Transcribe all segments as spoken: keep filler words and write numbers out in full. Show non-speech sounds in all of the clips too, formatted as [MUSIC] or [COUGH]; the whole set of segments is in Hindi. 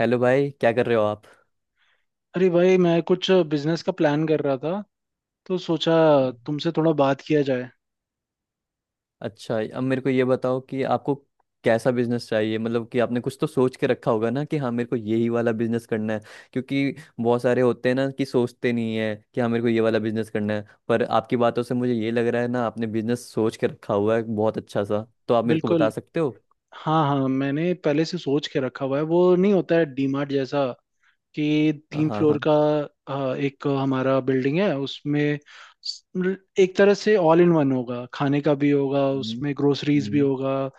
हेलो भाई, क्या कर रहे हो आप। अरे भाई, मैं कुछ बिजनेस का प्लान कर रहा था, तो सोचा तुमसे थोड़ा बात किया जाए। अच्छा, अब मेरे को ये बताओ कि आपको कैसा बिजनेस चाहिए, मतलब कि आपने कुछ तो सोच के रखा होगा ना कि हाँ मेरे को यही वाला बिजनेस करना है। क्योंकि बहुत सारे होते हैं ना कि सोचते नहीं है कि हाँ मेरे को ये वाला बिजनेस करना है, पर आपकी बातों से मुझे ये लग रहा है ना आपने बिजनेस सोच के रखा हुआ है बहुत अच्छा सा, तो आप मेरे को बता बिल्कुल। सकते हो। हाँ हाँ, मैंने पहले से सोच के रखा हुआ है। वो नहीं होता है डीमार्ट जैसा, कि हाँ तीन फ्लोर हाँ। का। अ, एक हमारा बिल्डिंग है उसमें। स- मतलब एक तरह से ऑल इन वन होगा, खाने का भी होगा हम्म। उसमें, ग्रोसरीज भी हम्म। होगा। अ,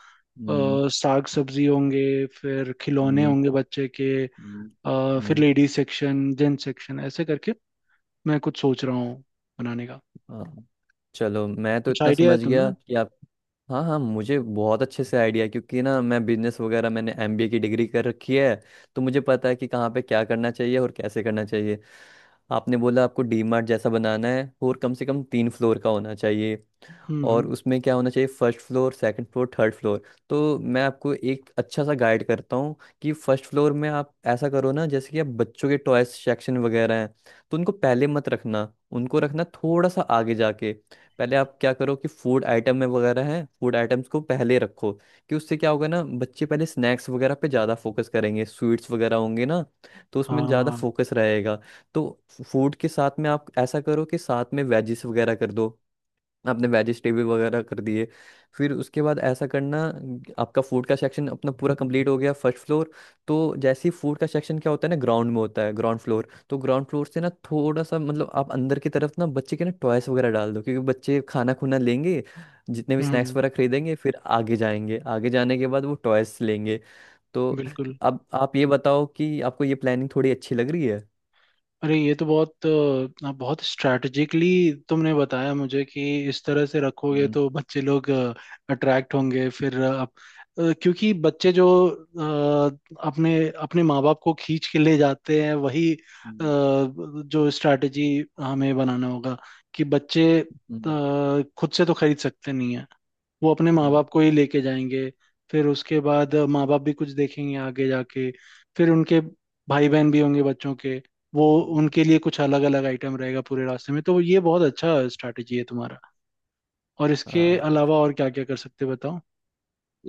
हम्म। साग सब्जी होंगे, फिर खिलौने हम्म। होंगे बच्चे के। हम्म। अ, फिर हम्म। लेडीज सेक्शन, जेंट्स सेक्शन, ऐसे करके मैं कुछ सोच रहा हूँ बनाने का। हाँ। चलो, मैं तो कुछ इतना आइडिया है समझ गया तुम्हें? कि आप। हाँ हाँ, मुझे बहुत अच्छे से आइडिया है क्योंकि ना मैं बिजनेस वगैरह, मैंने एमबीए की डिग्री कर रखी है। तो मुझे पता है कि कहाँ पे क्या करना चाहिए और कैसे करना चाहिए। आपने बोला आपको डीमार्ट जैसा बनाना है और कम से कम तीन फ्लोर का होना चाहिए। हम्म हम्म। और उसमें क्या होना चाहिए? First floor, second floor, third floor. तो मैं आपको एक अच्छा सा गाइड करता हूँ कि फर्स्ट फ्लोर में आप ऐसा करो ना, जैसे कि आप बच्चों के टॉयज सेक्शन वगैरह हैं तो उनको पहले मत रखना, उनको रखना थोड़ा सा आगे जाके। पहले आप क्या करो कि फूड आइटम में वगैरह हैं, फूड आइटम्स को पहले रखो। कि उससे क्या होगा ना, बच्चे पहले स्नैक्स वगैरह पे ज़्यादा फोकस करेंगे, स्वीट्स वगैरह होंगे ना तो उसमें ज़्यादा हाँ। फोकस रहेगा। तो फूड के साथ में आप ऐसा करो कि साथ में वेजिस वगैरह कर दो, आपने वेजिटेबल वगैरह कर दिए। फिर उसके बाद ऐसा करना, आपका फूड का सेक्शन अपना पूरा कंप्लीट हो गया फर्स्ट फ्लोर। तो जैसे ही फूड का सेक्शन क्या होता है ना, ग्राउंड में होता है ग्राउंड फ्लोर, तो ग्राउंड फ्लोर से ना थोड़ा सा मतलब आप अंदर की तरफ ना बच्चे के ना टॉयस वगैरह डाल दो, क्योंकि बच्चे खाना खुना लेंगे, जितने भी हम्म स्नैक्स हम्म, वगैरह खरीदेंगे फिर आगे जाएंगे, आगे जाने के बाद वो टॉयस लेंगे। तो बिल्कुल। अब आप ये बताओ कि आपको ये प्लानिंग थोड़ी अच्छी लग रही है? अरे ये तो बहुत अ, बहुत स्ट्रैटेजिकली तुमने बताया मुझे, कि इस तरह से रखोगे हम्म। तो बच्चे लोग अट्रैक्ट होंगे। फिर अ, अप- अ, क्योंकि बच्चे जो अ, अपने अपने माँ बाप को खींच के ले जाते हैं, वही अ, हम्म। जो स्ट्रैटेजी हमें बनाना होगा, कि बच्चे हम्म। अ, खुद से तो खरीद सकते नहीं है। वो अपने माँ हम्म। बाप को ही लेके जाएंगे, फिर उसके बाद माँ बाप भी कुछ देखेंगे आगे जाके। फिर उनके भाई बहन भी होंगे बच्चों के, वो हम्म। उनके लिए कुछ अलग अलग आइटम रहेगा पूरे रास्ते में, तो ये बहुत अच्छा स्ट्रैटेजी है तुम्हारा। और इसके हाँ। अलावा और क्या क्या कर सकते हैं बताओ?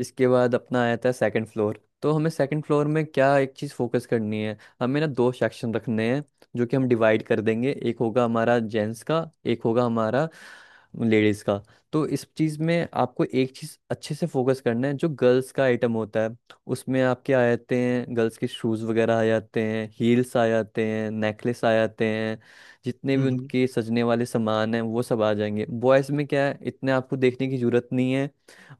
इसके बाद अपना आया था सेकंड फ्लोर, तो हमें सेकंड फ्लोर में क्या एक चीज़ फोकस करनी है, हमें ना दो सेक्शन रखने हैं। जो कि हम डिवाइड कर देंगे, एक होगा हमारा जेंट्स का, एक होगा हमारा लेडीज़ का। तो इस चीज़ में आपको एक चीज़ अच्छे से फोकस करना है, जो गर्ल्स का आइटम होता है उसमें आपके आ जाते हैं, गर्ल्स के शूज़ वगैरह आ जाते हैं, हील्स आ जाते हैं, नेकलेस आ जाते हैं। जितने हम्म भी हम्म। उनके सजने वाले सामान हैं वो सब आ जाएंगे। बॉयज़ में क्या है, इतने आपको देखने की जरूरत नहीं है।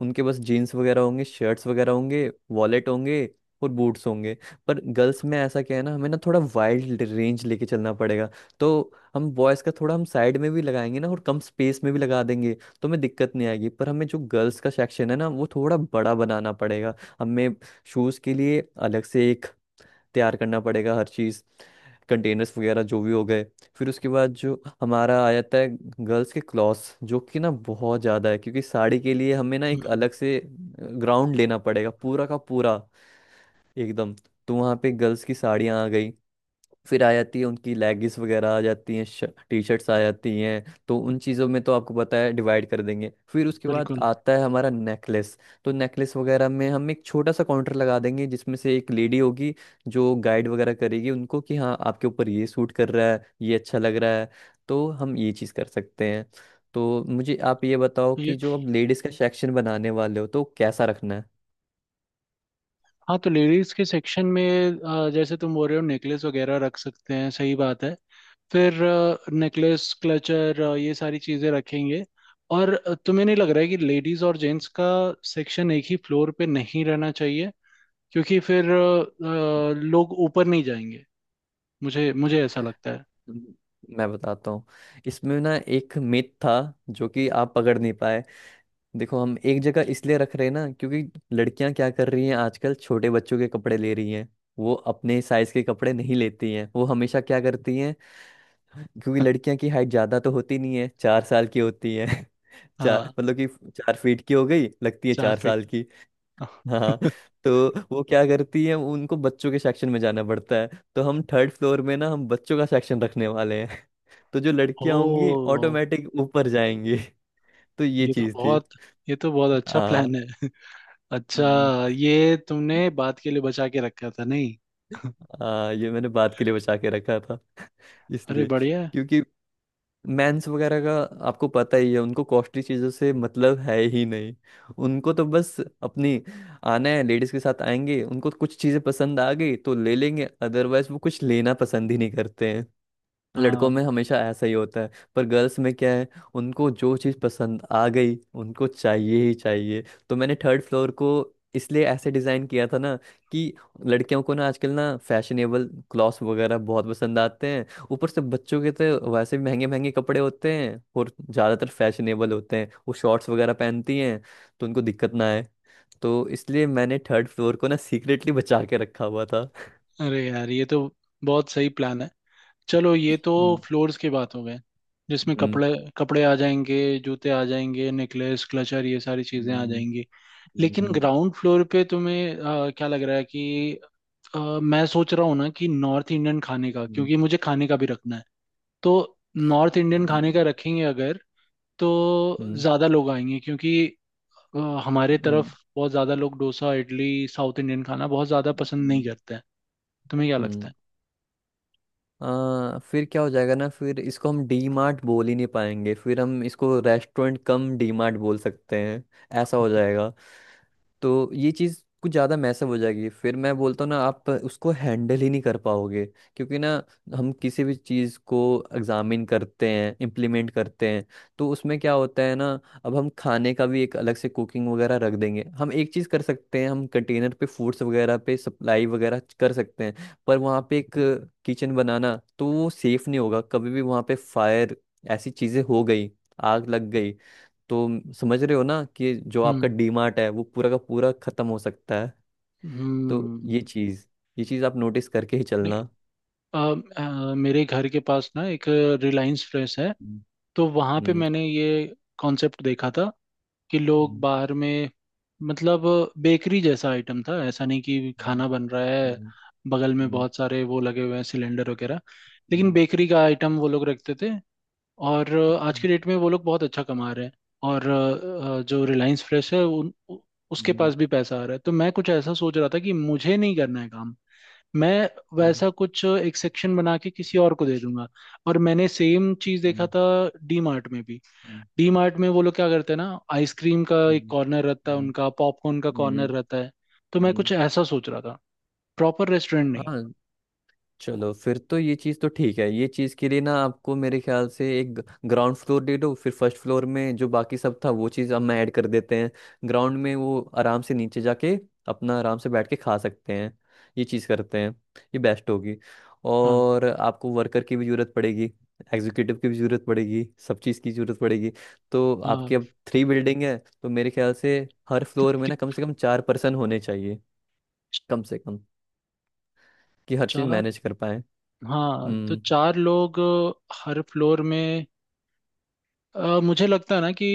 उनके पास जीन्स वगैरह होंगे, शर्ट्स वगैरह होंगे, वॉलेट होंगे और बूट्स होंगे। पर गर्ल्स में ऐसा क्या है ना, हमें ना थोड़ा वाइल्ड रेंज लेके चलना पड़ेगा। तो हम बॉयज़ का थोड़ा हम साइड में भी लगाएंगे ना और कम स्पेस में भी लगा देंगे, तो हमें दिक्कत नहीं आएगी, पर हमें जो गर्ल्स का सेक्शन है ना वो थोड़ा बड़ा बनाना पड़ेगा। हमें शूज़ के लिए अलग से एक तैयार करना पड़ेगा, हर चीज़, कंटेनर्स वगैरह जो भी हो गए। फिर उसके बाद जो हमारा आ जाता है गर्ल्स के क्लॉथ्स, जो कि ना बहुत ज़्यादा है, क्योंकि साड़ी के लिए हमें ना एक हम्म, अलग से ग्राउंड लेना पड़ेगा पूरा का पूरा, एकदम। तो वहाँ पे गर्ल्स की साड़ियाँ आ गई, फिर आ जाती है उनकी लेगिंग्स वगैरह आ जाती हैं, टी शर्ट्स आ जाती हैं, तो उन चीज़ों में तो आपको पता है डिवाइड कर देंगे। फिर उसके बाद बिल्कुल। आता है हमारा नेकलेस, तो नेकलेस वगैरह में हम एक छोटा सा काउंटर लगा देंगे जिसमें से एक लेडी होगी, जो गाइड वगैरह करेगी उनको कि हाँ आपके ऊपर ये सूट कर रहा है, ये अच्छा लग रहा है। तो हम ये चीज़ कर सकते हैं। तो मुझे आप ये बताओ ये कि जो अब लेडीज़ का सेक्शन बनाने वाले हो तो कैसा रखना है? हाँ, तो लेडीज के सेक्शन में अ, जैसे तुम बोल रहे हो, नेकलेस वगैरह रख सकते हैं, सही बात है। फिर नेकलेस, क्लचर, ये सारी चीजें रखेंगे। और अ, तुम्हें नहीं लग रहा है कि लेडीज और जेंट्स का सेक्शन एक ही फ्लोर पे नहीं रहना चाहिए, क्योंकि फिर अ, अ, लोग ऊपर नहीं जाएंगे। मुझे मुझे ऐसा लगता है। हम्म। मैं बताता हूँ। इसमें ना एक मिथ था जो कि आप पकड़ नहीं पाए। देखो, हम एक जगह इसलिए रख रहे हैं ना, क्योंकि लड़कियां क्या कर रही हैं, आजकल छोटे बच्चों के कपड़े ले रही हैं, वो अपने साइज के कपड़े नहीं लेती हैं। वो हमेशा क्या करती हैं, क्योंकि [LAUGHS] लड़कियां की हाइट ज्यादा तो होती नहीं है, चार साल की होती है [LAUGHS] चार, हाँ। मतलब कि चार फीट की हो गई लगती है, चार चार साल फीट की। हाँ। [LAUGHS] तो वो क्या करती है, उनको बच्चों के सेक्शन में जाना पड़ता है, तो हम थर्ड फ्लोर में ना हम बच्चों का सेक्शन रखने वाले हैं [LAUGHS] तो जो लड़कियां होंगी ओ, ऑटोमेटिक ऊपर जाएंगी [LAUGHS] तो ये ये तो चीज थी। बहुत ये तो बहुत अच्छा हाँ। प्लान है। [LAUGHS] अच्छा, ये तुमने बात के लिए बचा के रखा था, नहीं? [LAUGHS] आ, ये मैंने बात के लिए बचा के रखा था, अरे इसलिए। बढ़िया है। क्योंकि मेंस वगैरह का आपको पता ही है, उनको कॉस्टली चीज़ों से मतलब है ही नहीं। उनको तो बस अपनी आना है, लेडीज के साथ आएंगे, उनको कुछ चीज़ें पसंद आ गई तो ले लेंगे, अदरवाइज वो कुछ लेना पसंद ही नहीं करते। लड़कों में हाँ। हमेशा ऐसा ही होता है। पर गर्ल्स में क्या है, उनको जो चीज़ पसंद आ गई उनको चाहिए ही चाहिए। तो मैंने थर्ड फ्लोर को इसलिए ऐसे डिज़ाइन किया था ना, कि लड़कियों को ना आजकल ना फैशनेबल क्लॉथ्स वगैरह बहुत पसंद आते हैं। ऊपर से बच्चों के तो वैसे भी महंगे महंगे कपड़े होते हैं और ज़्यादातर फैशनेबल होते हैं, वो शॉर्ट्स वगैरह पहनती हैं तो उनको दिक्कत ना आए। तो इसलिए मैंने थर्ड फ्लोर को ना सीक्रेटली बचा के रखा हुआ था। अरे यार, ये तो बहुत सही प्लान है। चलो, ये तो हम्म। फ्लोर्स की बात हो गए, जिसमें हम्म। कपड़े कपड़े आ जाएंगे, जूते आ जाएंगे, नेकलेस, क्लचर, ये सारी चीजें आ हम्म। जाएंगी। लेकिन हम्म। ग्राउंड फ्लोर पे तुम्हें अ, क्या लग रहा है कि अ, मैं सोच रहा हूँ ना, कि नॉर्थ इंडियन खाने का, हम्म। क्योंकि मुझे खाने का भी रखना है। तो नॉर्थ इंडियन खाने का हम्म। रखेंगे अगर, तो हम्म। ज्यादा लोग आएंगे, क्योंकि अ, हमारे हम्म। तरफ बहुत ज्यादा लोग डोसा, इडली, साउथ इंडियन खाना बहुत ज्यादा पसंद नहीं हम्म। करते हैं। तुम्हें क्या हम्म। लगता है? आ, फिर क्या हो जाएगा ना, फिर इसको हम डी मार्ट बोल ही नहीं पाएंगे, फिर हम इसको रेस्टोरेंट कम डी मार्ट बोल सकते हैं, ऐसा हो [LAUGHS] जाएगा। तो ये चीज़ कुछ ज़्यादा मैसअप हो जाएगी, फिर मैं बोलता हूँ ना आप उसको हैंडल ही नहीं कर पाओगे। क्योंकि ना हम किसी भी चीज़ को एग्जामिन करते हैं, इम्प्लीमेंट करते हैं, तो उसमें क्या होता है ना। अब हम खाने का भी एक अलग से कुकिंग वगैरह रख देंगे, हम एक चीज़ कर सकते हैं, हम कंटेनर पे फूड्स वगैरह पे सप्लाई वगैरह कर सकते हैं। पर वहाँ पे एक किचन बनाना, तो वो सेफ नहीं होगा, कभी भी वहाँ पे फायर ऐसी चीज़ें हो गई, आग लग गई, तो म- समझ रहे हो ना कि जो आपका हम्म डीमार्ट है वो पूरा का पूरा खत्म हो सकता है। तो ये हम्म। चीज ये चीज आप नोटिस करके ही चलना। अ, अ, मेरे घर के पास ना, एक रिलायंस फ्रेश है। हम्म। तो वहाँ पे हम्म। मैंने ये कॉन्सेप्ट देखा था कि लोग हम्म। बाहर में, मतलब बेकरी जैसा आइटम था, ऐसा नहीं कि खाना बन रहा है। हम्म। बगल में हम्म। बहुत सारे वो लगे हुए हैं, सिलेंडर वगैरह, लेकिन हम्म। बेकरी का आइटम वो लोग रखते थे। और अ, आज की डेट में वो लोग बहुत अच्छा कमा रहे हैं। और अ, अ, जो रिलायंस फ्रेश है, उन उ- उसके हम्म। पास भी पैसा आ रहा है। तो मैं कुछ ऐसा सोच रहा था कि मुझे नहीं करना है काम। मैं हम्म। वैसा कुछ एक सेक्शन बना के किसी और को दे दूंगा। और मैंने सेम चीज देखा हम्म। था डी मार्ट में भी। हम्म। डी मार्ट में वो लोग क्या करते हैं ना, आइसक्रीम का एक कॉर्नर रहता है हम्म। उनका, पॉपकॉर्न का हम्म। हम्म। कॉर्नर रहता है। तो मैं हम्म। कुछ ऐसा सोच रहा था, प्रॉपर रेस्टोरेंट नहीं। हाँ, चलो फिर तो ये चीज़ तो ठीक है, ये चीज़ के लिए ना आपको मेरे ख्याल से एक ग्राउंड फ्लोर दे दो, फिर फर्स्ट फ्लोर में जो बाकी सब था वो चीज़ हम ऐड कर देते हैं। ग्राउंड में वो आराम से नीचे जाके अपना आराम से बैठ के खा सकते हैं। ये चीज़ करते हैं, ये बेस्ट होगी। हाँ। और आपको वर्कर की भी ज़रूरत पड़ेगी, एग्जीक्यूटिव की भी ज़रूरत पड़ेगी, सब चीज़ की ज़रूरत पड़ेगी। तो आपकी अब हाँ, थ्री बिल्डिंग है। तो मेरे ख्याल से हर तो फ्लोर में कि- ना कम से कम चार पर्सन होने चाहिए, कम से कम, कि हर चीज़ चार। मैनेज कर पाए। हाँ, तो चार लोग हर फ्लोर में। अ, मुझे लगता है ना, कि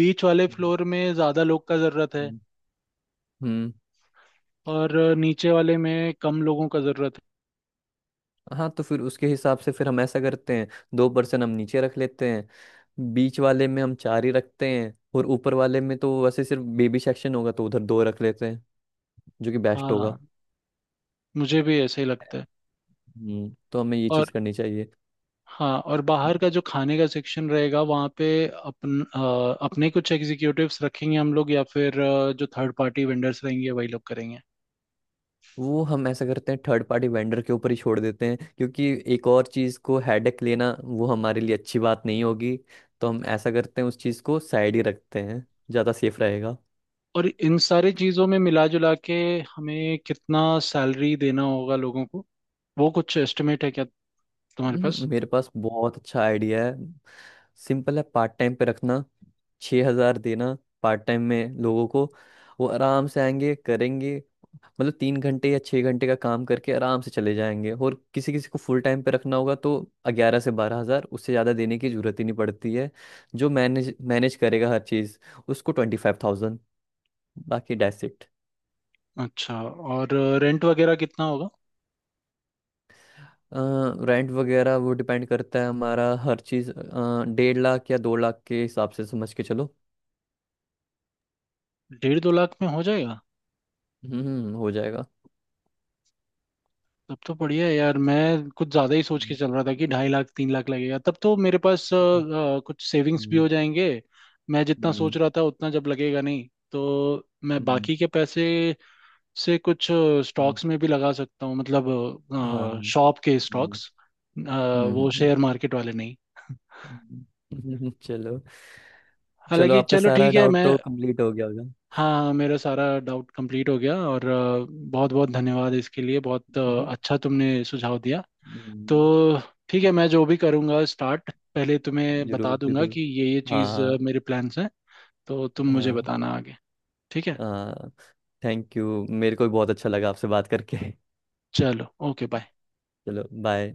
बीच वाले हम्म। फ्लोर में ज्यादा लोग का जरूरत है, हम्म। हम्म। और नीचे वाले में कम लोगों का जरूरत हाँ, तो फिर उसके हिसाब से फिर हम ऐसा करते हैं, दो परसेंट हम नीचे रख लेते हैं, बीच वाले में हम चार ही रखते हैं और ऊपर वाले में तो वैसे सिर्फ बेबी सेक्शन होगा तो उधर दो रख लेते हैं, जो कि है। बेस्ट होगा। हाँ, मुझे भी ऐसे ही लगता है। हम्म, तो हमें ये और चीज़ करनी चाहिए। हाँ, और बाहर का जो खाने का सेक्शन रहेगा, वहाँ पे अपन अ, अपने कुछ एग्जीक्यूटिव्स रखेंगे हम लोग, या फिर अ, जो थर्ड पार्टी वेंडर्स रहेंगे, वही लोग करेंगे। वो हम ऐसा करते हैं, थर्ड पार्टी वेंडर के ऊपर ही छोड़ देते हैं, क्योंकि एक और चीज़ को हेडेक लेना वो हमारे लिए अच्छी बात नहीं होगी। तो हम ऐसा करते हैं उस चीज़ को साइड ही रखते हैं, ज़्यादा सेफ रहेगा। और इन सारी चीज़ों में मिला जुला के हमें कितना सैलरी देना होगा लोगों को, वो कुछ एस्टिमेट है क्या तुम्हारे पास? हम्म, मेरे पास बहुत अच्छा आइडिया है। सिंपल है, पार्ट टाइम पे रखना, छः हजार देना पार्ट टाइम में लोगों को। वो आराम से आएंगे करेंगे, मतलब तीन घंटे या छः घंटे का काम करके आराम से चले जाएंगे, और किसी किसी को फुल टाइम पे रखना होगा तो ग्यारह से बारह हजार, उससे ज़्यादा देने की जरूरत ही नहीं पड़ती है। जो मैनेज मैनेज करेगा हर चीज़, उसको ट्वेंटी फाइव थाउजेंड, बाकी डेट्स इट। अच्छा, और रेंट वगैरह कितना होगा? रेंट वगैरह वो डिपेंड करता है हमारा हर चीज़, अ, डेढ़ लाख या दो लाख के हिसाब से समझ के चलो। डेढ़ दो लाख में हो जाएगा? हम्म, हो जाएगा। तब तो बढ़िया है यार, मैं कुछ ज्यादा ही सोच के हम्म। चल रहा था कि ढाई लाख, तीन लाख लगेगा, तब तो मेरे पास अ, हम्म। अ, कुछ सेविंग्स भी हम्म। हो जाएंगे। मैं जितना सोच हम्म। रहा था उतना जब लगेगा नहीं, तो मैं हम्म। बाकी के पैसे से कुछ हम्म। स्टॉक्स में भी लगा सकता हूँ, हाँ। मतलब हम्म। शॉप के स्टॉक्स, हम्म। वो हम्म। शेयर मार्केट वाले नहीं। हम्म। [LAUGHS] हम्म, चलो। चलो, हालांकि आपका चलो, सारा ठीक है डाउट मैं। तो कंप्लीट हो गया होगा। हाँ हाँ, मेरा सारा डाउट कंप्लीट हो गया, और बहुत बहुत धन्यवाद इसके लिए, बहुत अ, हम्म। अच्छा तुमने सुझाव दिया। हम्म, तो ठीक है, मैं जो भी करूँगा स्टार्ट, पहले तुम्हें जरूर बता दूंगा जरूर। कि ये ये चीज़ अ, हाँ। मेरे प्लान्स हैं। तो तुम मुझे हाँ। बताना आगे, ठीक है, हाँ। थैंक यू, मेरे को भी बहुत अच्छा लगा आपसे बात करके [LAUGHS] चलो ओके बाय। चलो बाय।